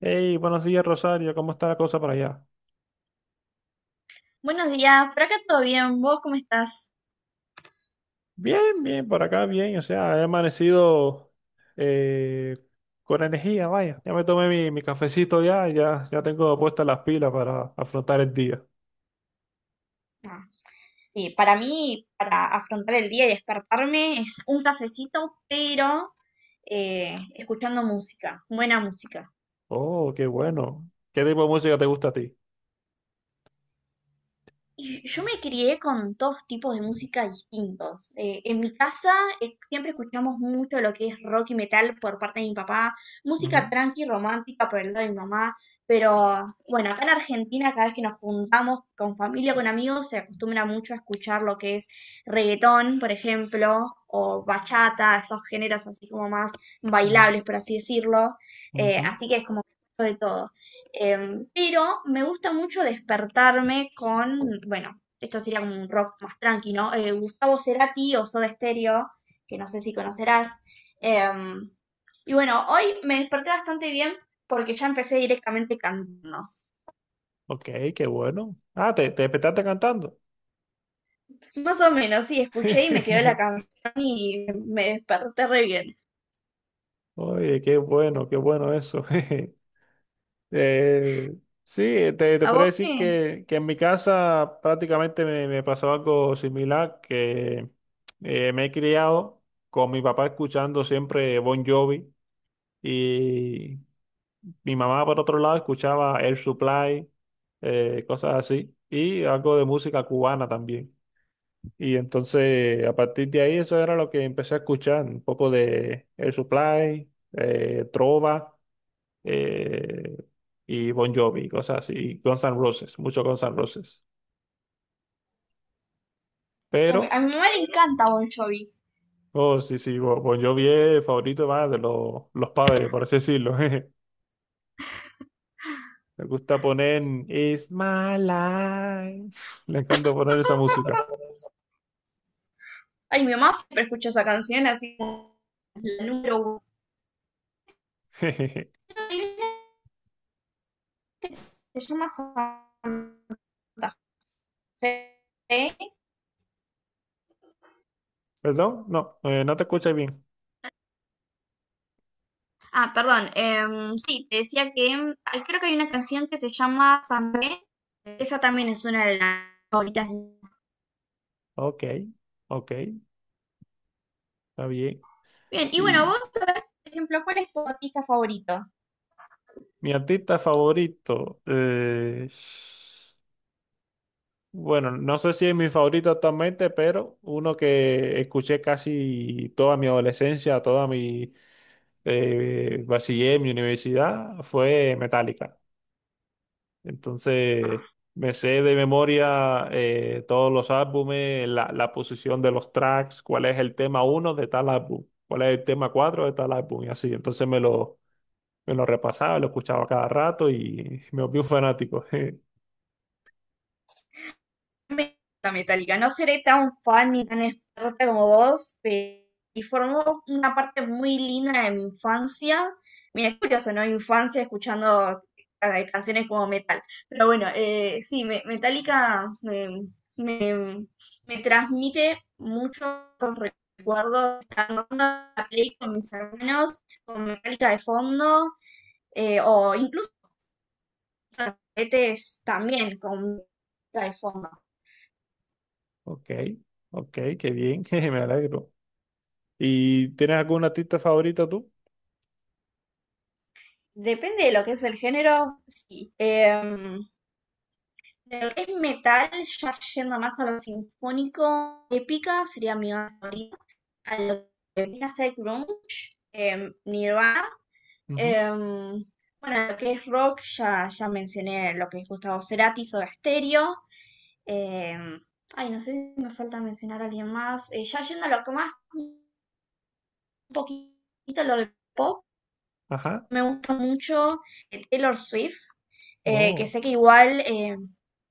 Hey, buenos días, Rosario. ¿Cómo está la cosa por allá? Buenos días, por acá todo bien, ¿vos cómo estás? Bien, bien, por acá, bien. O sea, he amanecido eh, con energía, vaya. Ya me tomé mi cafecito ya, y ya tengo puestas las pilas para afrontar el día. Ah, sí, para mí, para afrontar el día y despertarme, es un cafecito, pero escuchando música, buena música. Oh, qué bueno. ¿Qué tipo de música te gusta a ti? Y yo me crié con dos tipos de música distintos. En mi casa siempre escuchamos mucho lo que es rock y metal por parte de mi papá, música Ujú, tranqui romántica por el lado de mi mamá, pero bueno, acá en Argentina cada vez que nos juntamos con familia, con amigos, se acostumbra mucho a escuchar lo que es reggaetón, por ejemplo, o bachata, esos géneros así como más mm, bailables, por así decirlo. Ujú. Así que es como de todo. Pero me gusta mucho despertarme con, bueno, esto sería como un rock más tranqui, ¿no? Gustavo Cerati o Soda Stereo, que no sé si conocerás. Em, y bueno, hoy me desperté bastante bien porque ya empecé directamente cantando. Ok, qué bueno. Ah, te despertaste cantando. Más o menos, sí, escuché y me quedó la canción y me desperté re bien. Oye, qué bueno eso. Eh, sí, te ¿A podría vos decir qué? que en mi casa prácticamente me pasó algo similar, que me he criado con mi papá escuchando siempre Bon Jovi y mi mamá por otro lado escuchaba Air Supply, cosas así, y algo de música cubana también. Y entonces a partir de ahí eso era lo que empecé a escuchar, un poco de Air Supply, trova eh, y Bon Jovi, cosas así, y Guns N' Roses, mucho Guns N' Roses. A mi, a Pero, mi mamá le encanta Bon Jovi. oh, sí, sí, Bon Jovi es el favorito más de los padres, por así decirlo. jeje. Me gusta poner It's My Life. Le encanta poner esa música. Ay, mi mamá siempre escucha esa canción así como la número uno. jejeje. Hay una que se llama Santa Fe. ¿Perdón? No, no te escuchas bien. Ah, perdón. Sí, te decía que ay, creo que hay una canción que se llama Santa Fe. Esa también es una de las favoritas. Ok, ok, está bien. Bien, y bueno, vos, Y a ver, por ejemplo, ¿cuál es tu artista favorito? mi artista favorito. Bueno, no sé si es mi favorito actualmente, pero uno que escuché casi toda mi adolescencia, toda mi bachiller, mi universidad, fue Metallica. Entonces, me sé de memoria todos los álbumes, la posición de los tracks, cuál es el tema uno de tal álbum, cuál es el tema cuatro de tal álbum, y así. Entonces me lo repasaba, lo escuchaba cada rato y me volví un fanático. Me gusta Metallica. No seré tan fan ni tan experta como vos, pero y formó una parte muy linda de mi infancia. Mira, es curioso, ¿no? Infancia escuchando canciones como metal. Pero bueno, sí, Metallica me- me transmite muchos recuerdos. Estando en la play con mis hermanos, con Metallica de fondo, o incluso los juguetes también con Metallica de fondo. Ok, ok, qué bien, me alegro. ¿Y tienes alguna artista favorita tú? Depende de lo que es el género, sí. De lo que es metal, ya yendo más a lo sinfónico, épica sería mi banda favorita. A lo que viene a ser grunge, Nirvana. Ujú, Em, bueno, lo que es rock, ya mencioné lo que es Gustavo Cerati, Soda Stereo. em, Ay, no sé si me falta mencionar a alguien más. Ya yendo a lo que más, un poquito lo de pop, ajá. me gusta mucho Taylor Swift. Que Oh, sé que igual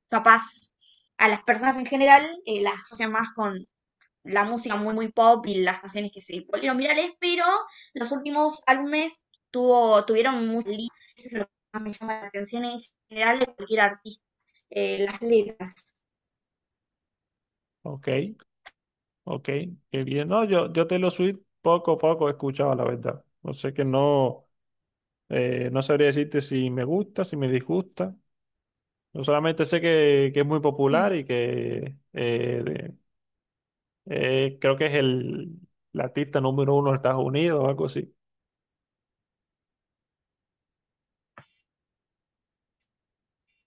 capaz a las personas en general las asocian más con la música muy muy pop y las canciones que se volvieron virales, pero los últimos álbumes tuvieron mucha eso es lo que más me llama la atención en general de cualquier artista, las letras. ok, ok, qué bien. No, yo Taylor Swift poco a poco he escuchado, la verdad. No sé que no, no sabría decirte si me gusta, si me disgusta. Yo solamente sé que es muy Mm. popular y que creo que es el artista número uno de Estados Unidos o algo así.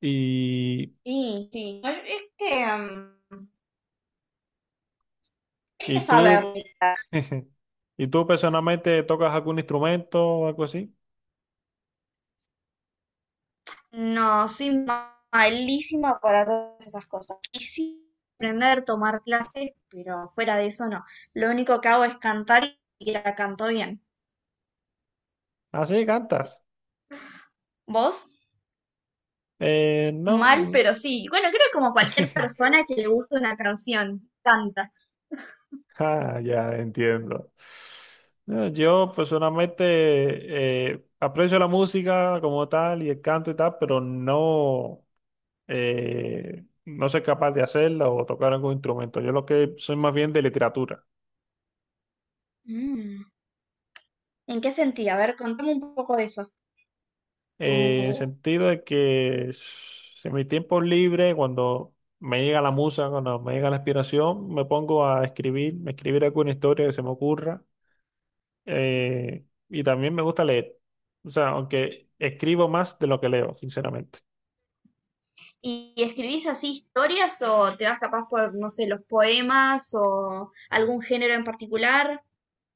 Y, Sí, sí, es que, mm, hay que y saber. tú, ¿y tú personalmente tocas algún instrumento o algo así? No, soy malísima para todas esas cosas. Quisiera aprender, tomar clases, pero fuera de eso no. Lo único que hago es cantar y la canto bien. Ah, sí, cantas. ¿Vos? Mal, No. pero sí. Bueno, creo como cualquier persona que le gusta una canción, canta. Ah, ya entiendo. No, yo personalmente aprecio la música como tal y el canto y tal, pero no, no soy capaz de hacerla o tocar algún instrumento. Yo lo que soy más bien de literatura. Mm. ¿En qué sentido? A ver, contame un poco de eso. En el Mm, sentido de que en mi tiempo libre, cuando me llega la musa, cuando me llega la inspiración, me pongo a escribir, escribir alguna historia que se me ocurra y también me gusta leer. O sea, aunque escribo más de lo que leo, sinceramente. ¿y y escribís así historias o te vas capaz por, no sé, los poemas o algún género en particular?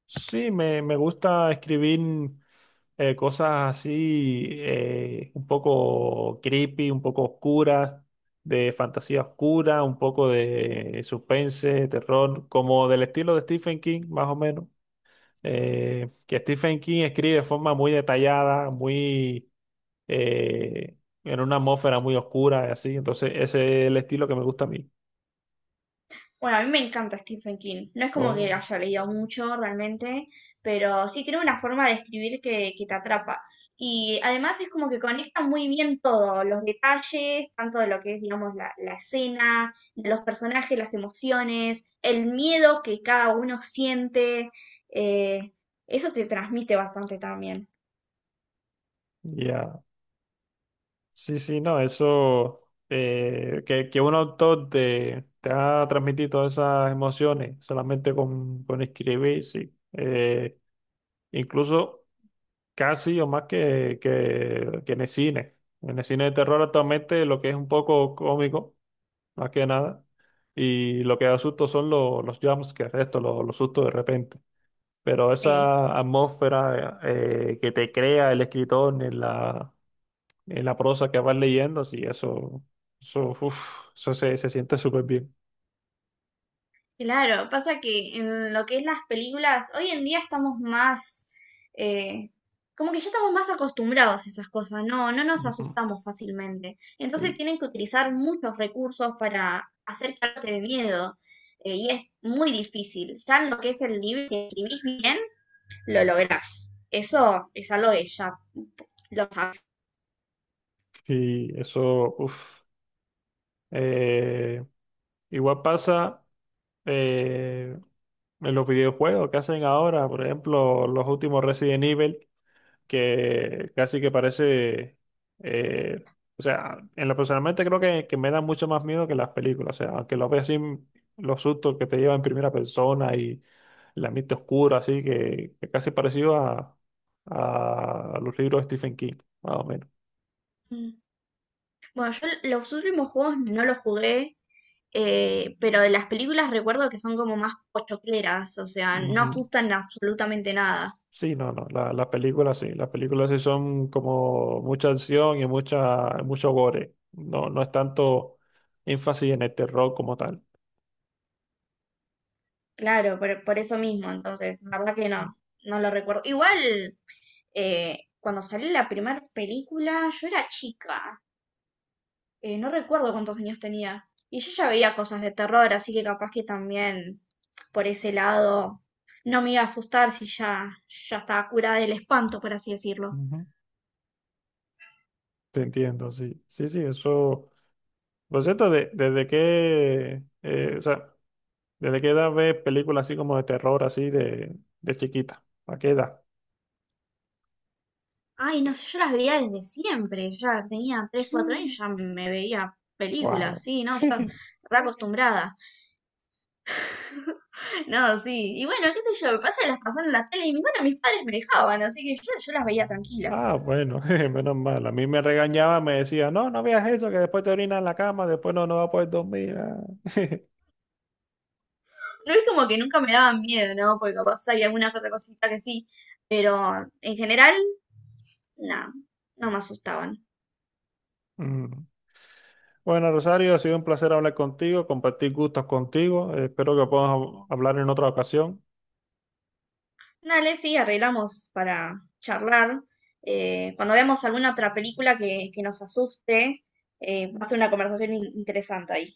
Sí, me gusta escribir cosas así, un poco creepy, un poco oscuras, de fantasía oscura, un poco de suspense, terror, como del estilo de Stephen King, más o menos. Que Stephen King escribe de forma muy detallada, eh, en una atmósfera muy oscura y así. Entonces, ese es el estilo que me gusta a mí. Bueno, a mí me encanta Stephen King. No es como que Oh, haya leído mucho realmente, pero sí tiene una forma de escribir que te atrapa. Y además es como que conecta muy bien todo, los detalles, tanto de lo que es, digamos, la escena, de los personajes, las emociones, el miedo que cada uno siente. eh, Eso te transmite bastante también. ya. Sí, sí, no, eso, que un autor te haga transmitir todas esas emociones solamente con escribir, sí. Incluso casi o más que en el cine. En el cine de terror actualmente lo que es un poco cómico, más que nada, y lo que da susto son los jumpscares, esto, los sustos de repente. Pero Sí. esa atmósfera que te crea el escritor en la la prosa que vas leyendo, sí, eso, uf, se siente súper bien. Claro, pasa que en lo que es las películas, hoy en día estamos más, eh, como que ya estamos más acostumbrados a esas cosas, no, no nos Ujú. asustamos fácilmente. Entonces Y, tienen que utilizar muchos recursos para hacer que arte de miedo, y es muy difícil. Ya en lo que es el libro, si escribís bien, lo lográs. Eso es algo que ya lo sabes. y eso, uf, eh, igual pasa eh, en los videojuegos que hacen ahora, por ejemplo, los últimos Resident Evil, que casi que parece, eh, o sea, en lo personalmente creo que me da mucho más miedo que las películas, o sea, aunque lo veas así, los sustos que te llevan en primera persona y el ambiente oscuro, así que casi parecido a los libros de Stephen King, más o menos. Bueno, yo los últimos juegos no los jugué, pero de las películas recuerdo que son como más pochocleras, o sea, no Ujú. asustan absolutamente nada. Sí, no, no, las películas sí son como mucha acción y mucho gore. No, no es tanto énfasis en el terror como tal. Claro, por eso mismo, entonces, la verdad que Mm. no, no lo recuerdo. Igual, cuando salió la primera película, yo era chica, no recuerdo cuántos años tenía. Y yo ya veía cosas de terror, así que capaz que también por ese lado no me iba a asustar si ya estaba curada del espanto, por así decirlo. Ujú. Te entiendo, sí. Sí, sí, eso. Por cierto, ¿desde qué, o sea, desde qué edad ves películas así como de terror, así de chiquita? ¿A qué edad? Ay, no sé, yo las veía desde siempre, ya tenía 3, 4 años, ya me veía películas, Wow. sí, no, yo re acostumbrada. No, sí, y bueno, qué sé yo, me pasa que las pasaron en la tele y bueno, mis padres me dejaban, así que yo las veía tranquila. Ah, bueno, menos mal. A mí me regañaba, me decía, no, no veas eso, que después te orinas en la cama, después no, no vas a poder dormir. Ah. No es como que nunca me daban miedo, ¿no? Porque capaz hay alguna que otra cosita que sí, pero en general, no, no me asustaban. Mm. Bueno, Rosario, ha sido un placer hablar contigo, compartir gustos contigo. Espero que podamos hablar en otra ocasión. Dale, sí, arreglamos para charlar. Cuando veamos alguna otra película que nos asuste, va a ser una conversación interesante ahí.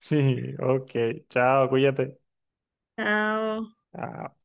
Sí, ok, chao, cuídate. Chao. Chao.